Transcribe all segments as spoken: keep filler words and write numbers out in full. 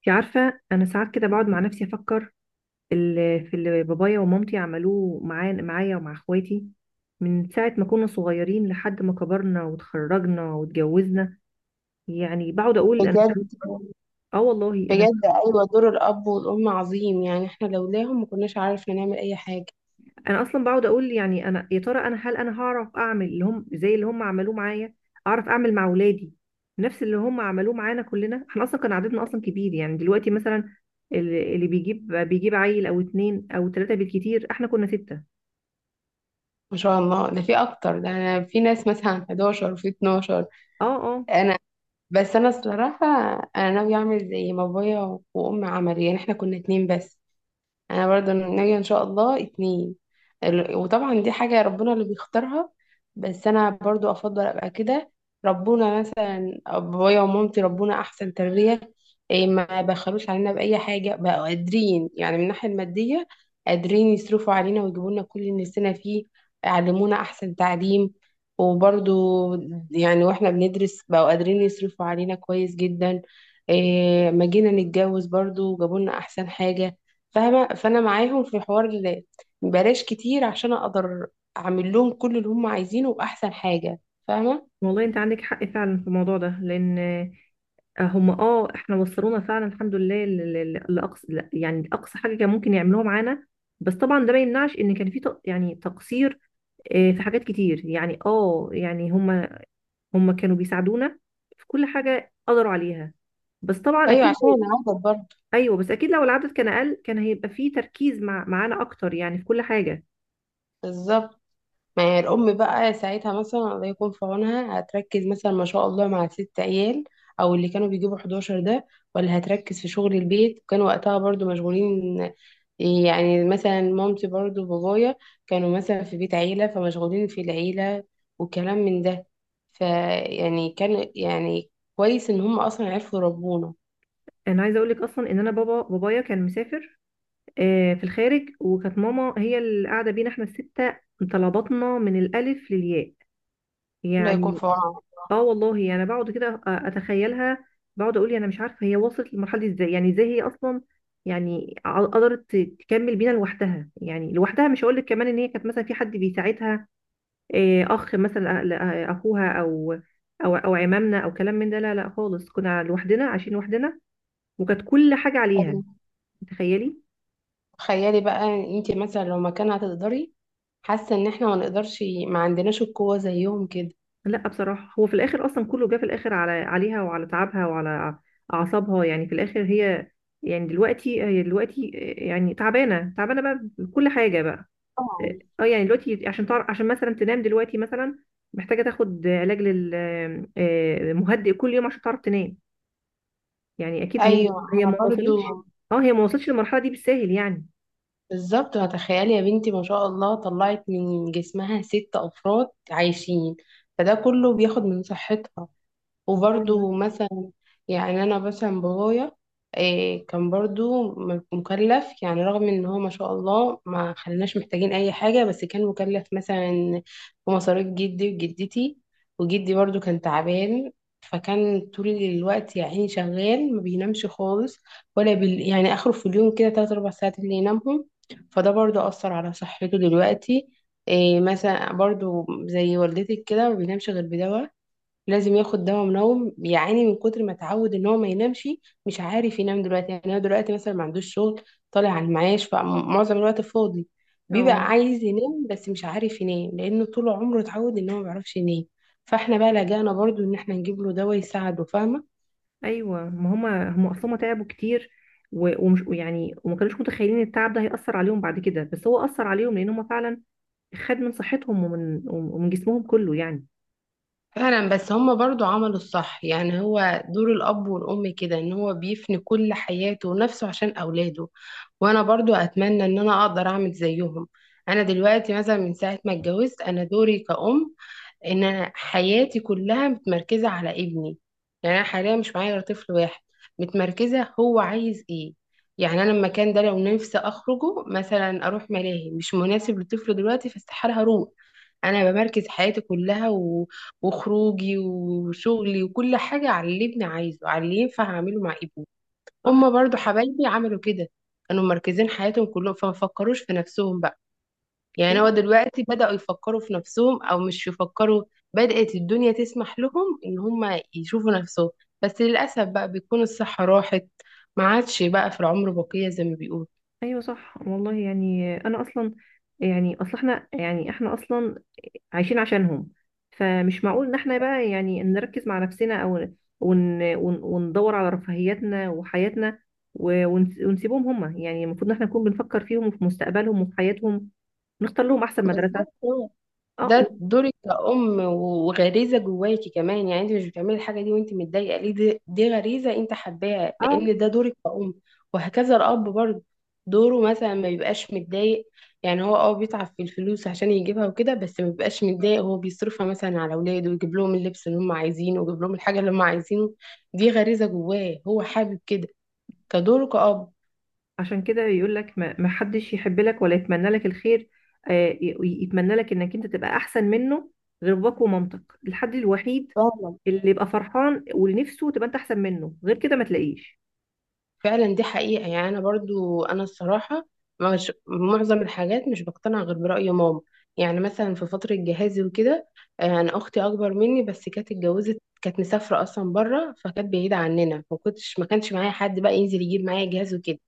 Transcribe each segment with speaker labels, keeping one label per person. Speaker 1: انت عارفه، انا ساعات كده بقعد مع نفسي افكر في اللي في اللي بابايا ومامتي عملوه معايا معايا ومع اخواتي من ساعه ما كنا صغيرين لحد ما كبرنا وتخرجنا واتجوزنا. يعني بقعد اقول انا.
Speaker 2: بجد
Speaker 1: اه والله. انا
Speaker 2: بجد ايوه دور الاب والام عظيم، يعني احنا لولاهم ما كناش عارفين نعمل اي حاجه.
Speaker 1: انا اصلا بقعد اقول، يعني انا يا ترى، انا هل انا هعرف اعمل اللي هم، زي اللي هم عملوه معايا، اعرف اعمل مع اولادي نفس اللي هم عملوه معانا كلنا. احنا اصلا كان عددنا اصلا كبير، يعني دلوقتي مثلا اللي اللي بيجيب بيجيب عيل او اتنين او تلاته بالكتير، احنا كنا سته.
Speaker 2: ما شاء الله، ده في اكتر، ده انا في ناس مثلا احد عشر وفي اتناشر.
Speaker 1: اه اه.
Speaker 2: انا بس انا الصراحه انا ناوي اعمل زي ما بابايا وامي عملوا. يعني احنا كنا اتنين بس، انا برضو ناوية ان شاء الله اتنين. ال- وطبعا دي حاجة ربنا اللي بيختارها، بس انا برضو افضل ابقى كده. ربنا مثلا بابايا ومامتي ربنا احسن تربية. إيه، ما بخلوش علينا باي حاجة، بقوا قادرين يعني من الناحية المادية قادرين يصرفوا علينا ويجيبوا لنا كل اللي نفسنا فيه، يعلمونا احسن تعليم. وبرضو يعني واحنا بندرس بقوا قادرين يصرفوا علينا كويس جدا. إيه، ما جينا نتجوز برضو جابوا لنا احسن حاجة. فاهمة؟ فأنا معاهم في حوار ال- بلاش كتير عشان أقدر أعمل لهم كل اللي هم عايزينه وأحسن حاجة. فاهمة؟
Speaker 1: والله انت عندك حق فعلا في الموضوع ده، لان آه، هم اه احنا وصلونا فعلا الحمد لله ل- ل- ل- لاقصى، لا، يعني اقصى حاجه كان ممكن يعملوها معانا. بس طبعا ده ما يمنعش ان كان في تق- يعني تقصير. آه، في حاجات كتير، يعني اه يعني هم، هم كانوا بيساعدونا في كل حاجه قدروا عليها. بس طبعا
Speaker 2: أيوة
Speaker 1: اكيد.
Speaker 2: عشان أنا عارفة برضه.
Speaker 1: ايوه بس اكيد لو العدد كان اقل كان هيبقى في تركيز مع معانا اكتر، يعني في كل حاجه.
Speaker 2: بالظبط، ما هي الأم بقى ساعتها مثلا الله يكون في عونها، هتركز مثلا ما شاء الله مع ست عيال، أو اللي كانوا بيجيبوا احد عشر ده؟ ولا هتركز في شغل البيت؟ كان وقتها برضو مشغولين، يعني مثلا مامتي برضو بابايا كانوا مثلا في بيت عيلة فمشغولين في العيلة وكلام من ده. فيعني كان يعني كويس إن هم أصلا عرفوا يربونا.
Speaker 1: انا عايزه اقول لك اصلا ان انا بابا بابايا كان مسافر آه، في الخارج، وكانت ماما هي اللي قاعده بينا احنا السته، مطلع بطننا من الالف للياء
Speaker 2: الله يكون
Speaker 1: يعني.
Speaker 2: في
Speaker 1: اه والله انا يعني بقعد كده أ- اتخيلها. بقعد اقول انا مش عارفه هي وصلت للمرحله دي ازاي، يعني ازاي هي اصلا يعني ع- قدرت تكمل بينا لوحدها. يعني لوحدها، مش هقول لك كمان ان هي كانت مثلا في حد بيساعدها آه، اخ مثلا، أ- ل- آه، اخوها، او او او عمامنا او كلام من ده. لا لا خالص، كنا لوحدنا، عايشين لوحدنا، وكانت كل حاجه عليها.
Speaker 2: عونهم.
Speaker 1: تخيلي.
Speaker 2: تخيلي بقى، انتي مثلا لو مكان هتقدري؟ حاسة إن احنا ما نقدرش، ما عندناش القوة زيهم كده.
Speaker 1: لا بصراحة هو في الآخر أصلا كله جه في الآخر على، عليها وعلى تعبها وعلى أعصابها. يعني في الآخر هي، يعني دلوقتي، هي دلوقتي يعني تعبانة، تعبانة بقى بكل حاجة بقى.
Speaker 2: طبعا.
Speaker 1: اه، يعني دلوقتي عشان تعرف، عشان مثلا تنام دلوقتي مثلا محتاجة تاخد علاج لل آه، مهدئ كل يوم عشان تعرف تنام. يعني أكيد هي،
Speaker 2: ايوه
Speaker 1: هي
Speaker 2: انا
Speaker 1: ما وصلتش.
Speaker 2: برضو.
Speaker 1: اه، هي ما وصلتش للمرحلة دي بالساهل يعني.
Speaker 2: بالظبط، هتخيلي يا بنتي ما شاء الله طلعت من جسمها ست افراد عايشين، فده كله بياخد من صحتها.
Speaker 1: اه والله.
Speaker 2: وبرضو مثلا يعني انا مثلا بابايا إيه كان برضو م- مكلف، يعني رغم ان هو ما شاء الله ما خلناش محتاجين اي حاجة، بس كان مكلف مثلا بمصاريف جدي وجدتي. وجدي برضو كان تعبان، فكان طول الوقت يا عيني شغال ما بينامش خالص، ولا بال... يعني اخره في اليوم كده تلات اربع ساعات اللي ينامهم. فده برضو اثر على صحته دلوقتي. إيه، مثلا برضو زي والدتك كده ما بينامش غير بدواء، لازم ياخد دواء منوم، بيعاني من كتر ما اتعود ان هو ما ينامش. مش عارف ينام دلوقتي، يعني هو دلوقتي مثلا ما عندوش شغل، طالع على المعاش فمعظم الوقت فاضي،
Speaker 1: اه.
Speaker 2: بيبقى عايز ينام بس مش عارف ينام لانه طول عمره اتعود ان هو ما بيعرفش ينام. فاحنا بقى لجأنا برضو ان احنا نجيب له دواء يساعده. فاهمة؟
Speaker 1: ايوه، ما هما هما اصلا تعبوا كتير، و- ومش يعني، وما كانوش متخيلين التعب ده هيأثر عليهم بعد كده، بس هو أثر عليهم، لأن هما فعلا خد من صحتهم ومن ومن جسمهم كله يعني.
Speaker 2: فعلا، بس هما برضو عملوا الصح. يعني هو دور الأب والأم كده إن هو بيفني كل حياته ونفسه عشان أولاده، وأنا برضو أتمنى إن أنا أقدر أعمل زيهم. أنا دلوقتي مثلا من ساعة ما اتجوزت أنا دوري كأم ان انا حياتي كلها متمركزه على ابني. يعني انا حاليا مش معايا غير طفل واحد، متمركزه هو عايز ايه. يعني انا المكان ده لو نفسي اخرجه مثلا اروح ملاهي مش مناسب للطفل دلوقتي فاستحاله هروح. انا بمركز حياتي كلها و... وخروجي وشغلي وكل حاجه على اللي ابني عايزه، على اللي ينفع اعمله مع ابني. هما
Speaker 1: صح.
Speaker 2: برضو حبايبي عملوا كده، كانوا مركزين حياتهم كلهم فما فكروش في نفسهم بقى. يعني هو
Speaker 1: ايوه.
Speaker 2: دلوقتي بدأوا يفكروا في نفسهم او مش يفكروا، بدأت الدنيا تسمح لهم ان هم يشوفوا نفسهم، بس للأسف بقى بيكون الصحة راحت، ما عادش بقى في العمر بقية زي ما بيقولوا.
Speaker 1: أيوة صح والله. يعني انا اصلا، يعني اصل احنا، يعني احنا اصلا عايشين عشانهم، فمش معقول ان احنا بقى يعني نركز مع نفسنا، او ون ون وندور على رفاهيتنا وحياتنا و- ونس- ونسيبهم هما. يعني المفروض ان احنا نكون بنفكر فيهم وفي مستقبلهم وفي حياتهم، نختار لهم احسن مدرسه.
Speaker 2: بالظبط،
Speaker 1: اه.
Speaker 2: ده دورك كأم وغريزة جواكي كمان. يعني انت مش بتعملي الحاجة دي وانت متضايقة، ليه؟ دي، دي غريزة انت حباها
Speaker 1: اه.
Speaker 2: لان ده دورك كأم. وهكذا الأب برضه، دوره مثلا ما بيبقاش متضايق. يعني هو اه بيتعب في الفلوس عشان يجيبها وكده، بس ما بيبقاش متضايق، هو بيصرفها مثلا على أولاده ويجيب لهم اللبس اللي هم عايزينه ويجيب لهم الحاجة اللي هم عايزينه. دي غريزة جواه، هو حابب كده، كدوره كأب.
Speaker 1: عشان كده يقول لك ما ما حدش يحب لك ولا يتمنى لك الخير آه، ي- يتمنى لك انك انت تبقى احسن منه غير باباك ومامتك. الحد الوحيد
Speaker 2: فاهمة؟
Speaker 1: اللي يبقى فرحان ونفسه تبقى انت احسن منه، غير كده ما تلاقيش.
Speaker 2: فعلا دي حقيقة. يعني أنا برضو أنا الصراحة مش، معظم الحاجات مش بقتنع غير برأي ماما. يعني مثلا في فترة جهازي وكده، آه، أنا أختي أكبر مني بس كانت اتجوزت، كانت مسافرة أصلا بره فكانت بعيدة عننا، ما كنتش ما كانش معايا حد بقى ينزل يجيب معايا جهاز وكده.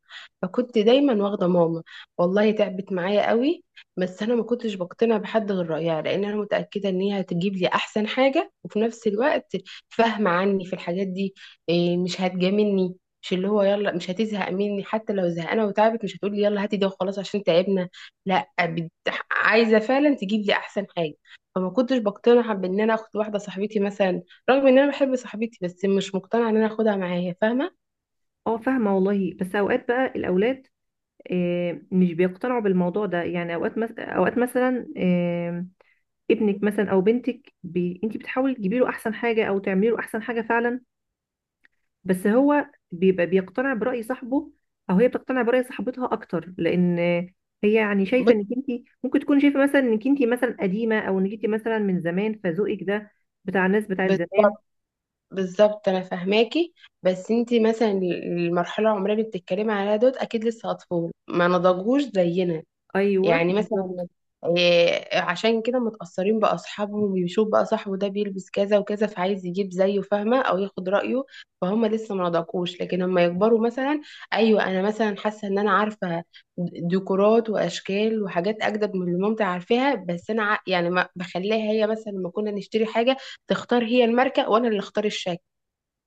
Speaker 2: فكنت دايما واخدة ماما، والله تعبت معايا قوي. بس أنا ما كنتش بقتنع بحد غير رأيها لأن أنا متأكدة إن هي هتجيب لي أحسن حاجة، وفي نفس الوقت فاهمة عني في الحاجات دي. إيه، مش هتجاملني، مش اللي هو يلا، مش هتزهق مني حتى لو زهقانه وتعبت، مش هتقولي يلا هاتي ده وخلاص عشان تعبنا. لا، بت- عايزه فعلا تجيب لي احسن حاجه. فما كنتش بقتنع بان انا اخد واحده صاحبتي مثلا، رغم ان انا بحب صاحبتي بس مش مقتنعه ان انا اخدها معايا. فاهمه؟
Speaker 1: اه فاهمه والله. بس اوقات بقى الاولاد آه، مش بيقتنعوا بالموضوع ده، يعني اوقات مس... اوقات مثلا آه، ابنك مثلا او بنتك بي... انت بتحاولي تجيبي له احسن حاجه او تعملي له احسن حاجه فعلا، بس هو بيبقى بيقتنع برأي صاحبه، او هي بتقتنع برأي صاحبتها اكتر، لان هي يعني شايفه انك
Speaker 2: بص-
Speaker 1: انت، ممكن تكون شايفه مثلا انك انت مثلا قديمه، او انك انت مثلا من زمان، فذوقك ده بتاع الناس بتاعت زمان.
Speaker 2: بالظبط. بالظبط انا فاهماكي. بس انتي مثلا المرحله العمريه اللي بتتكلمي عليها دوت اكيد لسه اطفال ما نضجوش زينا.
Speaker 1: ايوه
Speaker 2: يعني
Speaker 1: بالظبط.
Speaker 2: مثلا إيه، عشان كده متأثرين بأصحابهم، ويشوف بقى صاحبه ده بيلبس كذا وكذا فعايز يجيب زيه، فاهمة؟ أو ياخد رأيه. فهم لسه ما نضجوش، لكن لما يكبروا مثلا، أيوة أنا مثلا حاسة إن أنا عارفة ديكورات وأشكال وحاجات أجدد من اللي مامتي عارفاها، بس أنا ع- يعني ما بخليها هي، مثلا لما كنا نشتري حاجة تختار هي الماركة وأنا اللي أختار الشكل.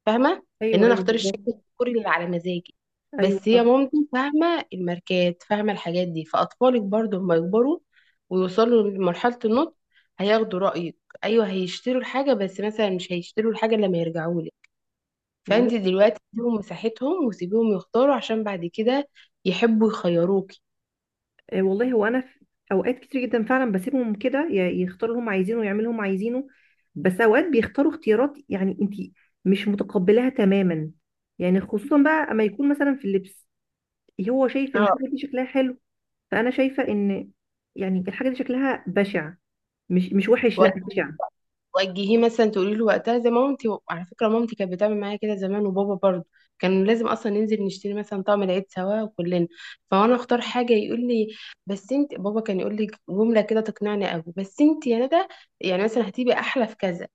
Speaker 2: فاهمه؟ ان
Speaker 1: ايوه
Speaker 2: انا
Speaker 1: ايوه
Speaker 2: اختار الشكل
Speaker 1: بالظبط.
Speaker 2: الديكوري اللي على مزاجي،
Speaker 1: ايوه
Speaker 2: بس
Speaker 1: صح
Speaker 2: هي مامتي فاهمه الماركات فاهمه الحاجات دي. فاطفالك برضو لما يكبروا ويوصلوا لمرحله النضج هياخدوا رايك. ايوه هيشتروا الحاجه، بس مثلا مش هيشتروا الحاجه إلا لما يرجعوا لك.
Speaker 1: والله.
Speaker 2: فانت دلوقتي اديهم مساحتهم وسيبيهم يختاروا، عشان بعد كده يحبوا يخيروكي.
Speaker 1: آه، والله هو انا في اوقات كتير جدا فعلا بسيبهم كده ي- يختاروا اللي هم عايزينه ويعملوا اللي هم عايزينه، بس اوقات بيختاروا اختيارات يعني انت مش متقبلاها تماما. يعني خصوصا بقى اما يكون مثلا في اللبس، هو شايف ان الحاجه دي شكلها حلو، فانا شايفه ان يعني الحاجه دي شكلها بشع، مش مش وحش،
Speaker 2: اه،
Speaker 1: لا بشع.
Speaker 2: وجهيه مثلا تقولي له وقتها زي مامتي، على فكره مامتي كانت بتعمل معايا كده زمان، وبابا برضه كان لازم اصلا ننزل نشتري مثلا طعم العيد سوا وكلنا. فانا اختار حاجه يقول لي، بس انت بابا كان يقول لي جمله كده تقنعني قوي، بس انت يا ندى يعني مثلا هتبقي احلى في كذا،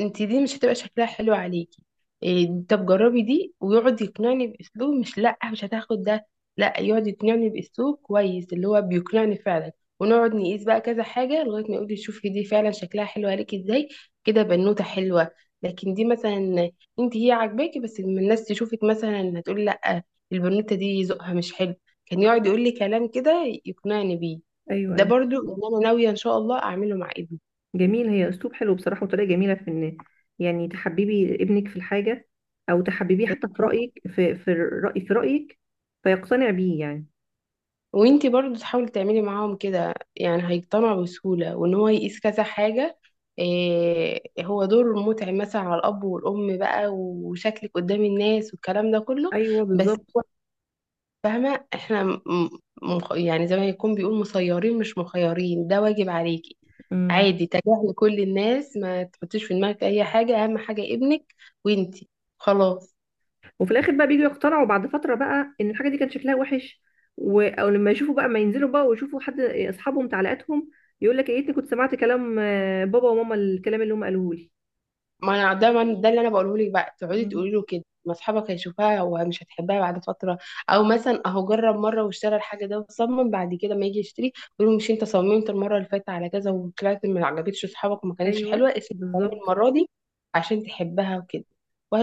Speaker 2: انت دي مش هتبقى شكلها حلو عليكي، إيه طب جربي دي. ويقعد يقنعني باسلوب مش، لا مش هتاخد ده، لا يقعد يقنعني باسلوب كويس اللي هو بيقنعني فعلا. ونقعد نقيس بقى كذا حاجه لغايه ما يقول لي شوفي دي فعلا شكلها حلو عليكي ازاي، كده بنوته حلوه. لكن دي مثلا انت هي عاجباكي، بس لما الناس تشوفك مثلا هتقول لا البنوته دي ذوقها مش حلو. كان يقعد يقول لي كلام كده يقنعني بيه.
Speaker 1: ايوه.
Speaker 2: ده
Speaker 1: ايوه.
Speaker 2: برضو اللي انا ناويه ان شاء الله اعمله مع ابني.
Speaker 1: جميل، هي اسلوب حلو بصراحه وطريقه جميله في ان يعني تحببي ابنك في الحاجه، او تحببيه حتى في رايك، في في الراي في رايك فيقتنع بيه يعني.
Speaker 2: وانتي برضو تحاولي تعملي معاهم كده، يعني هيقتنعوا بسهولة، وان هو يقيس كذا حاجة. إيه، هو دور متعب مثلا على الأب والأم بقى، وشكلك قدام الناس والكلام ده كله،
Speaker 1: ايوه
Speaker 2: بس
Speaker 1: بالظبط.
Speaker 2: هو، فاهمة؟ احنا م- مخ، يعني زي ما يكون بيقول مسيرين مش مخيرين، ده واجب عليكي.
Speaker 1: امم.
Speaker 2: عادي تجاهلي كل الناس، ما تحطيش في دماغك أي حاجة، أهم حاجة ابنك وانتي، خلاص.
Speaker 1: وفي الاخر بقى بيجوا يقتنعوا بعد فتره بقى ان الحاجه دي كان شكلها وحش، و... او لما يشوفوا بقى، ما ينزلوا بقى ويشوفوا حد اصحابهم تعليقاتهم، يقول لك يا ريتني كنت سمعت كلام آه، بابا وماما، الكلام اللي هم قالوه لي.
Speaker 2: ما انا ده من ده اللي انا بقوله لك بقى، تقعدي
Speaker 1: مم.
Speaker 2: تقولي له كده ما اصحابك هيشوفها ومش هتحبها بعد فتره. او مثلا اهو جرب مره واشترى الحاجه ده وصمم، بعد كده ما يجي يشتري يقول له مش انت صممت المره اللي فاتت على كذا وطلعت ما عجبتش اصحابك وما كانتش
Speaker 1: ايوه
Speaker 2: حلوه، اسمع كلامي
Speaker 1: بالظبط.
Speaker 2: المره دي عشان تحبها وكده.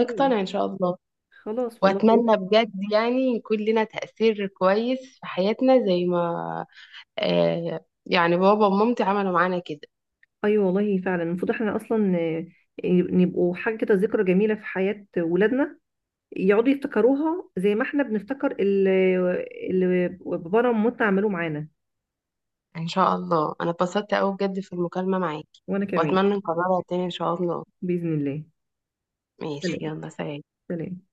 Speaker 1: طيب
Speaker 2: ان شاء الله.
Speaker 1: خلاص والله.
Speaker 2: واتمنى بجد يعني يكون لنا تاثير كويس في حياتنا زي ما آه يعني بابا ومامتي عملوا معانا كده.
Speaker 1: ايوه والله فعلا المفروض احنا اصلا ن- نبقوا حاجه كده، ذكرى جميله في حياه ولادنا، يقعدوا يفتكروها زي ما احنا بنفتكر ال- اللي بابانا ومامتنا عملوه معانا.
Speaker 2: ان شاء الله انا اتبسطت قوي بجد في المكالمة معاكي،
Speaker 1: وانا كمان.
Speaker 2: واتمنى نكررها تاني ان شاء الله.
Speaker 1: باذن الله.
Speaker 2: ماشي،
Speaker 1: سلام.
Speaker 2: يلا سلام.
Speaker 1: سلام.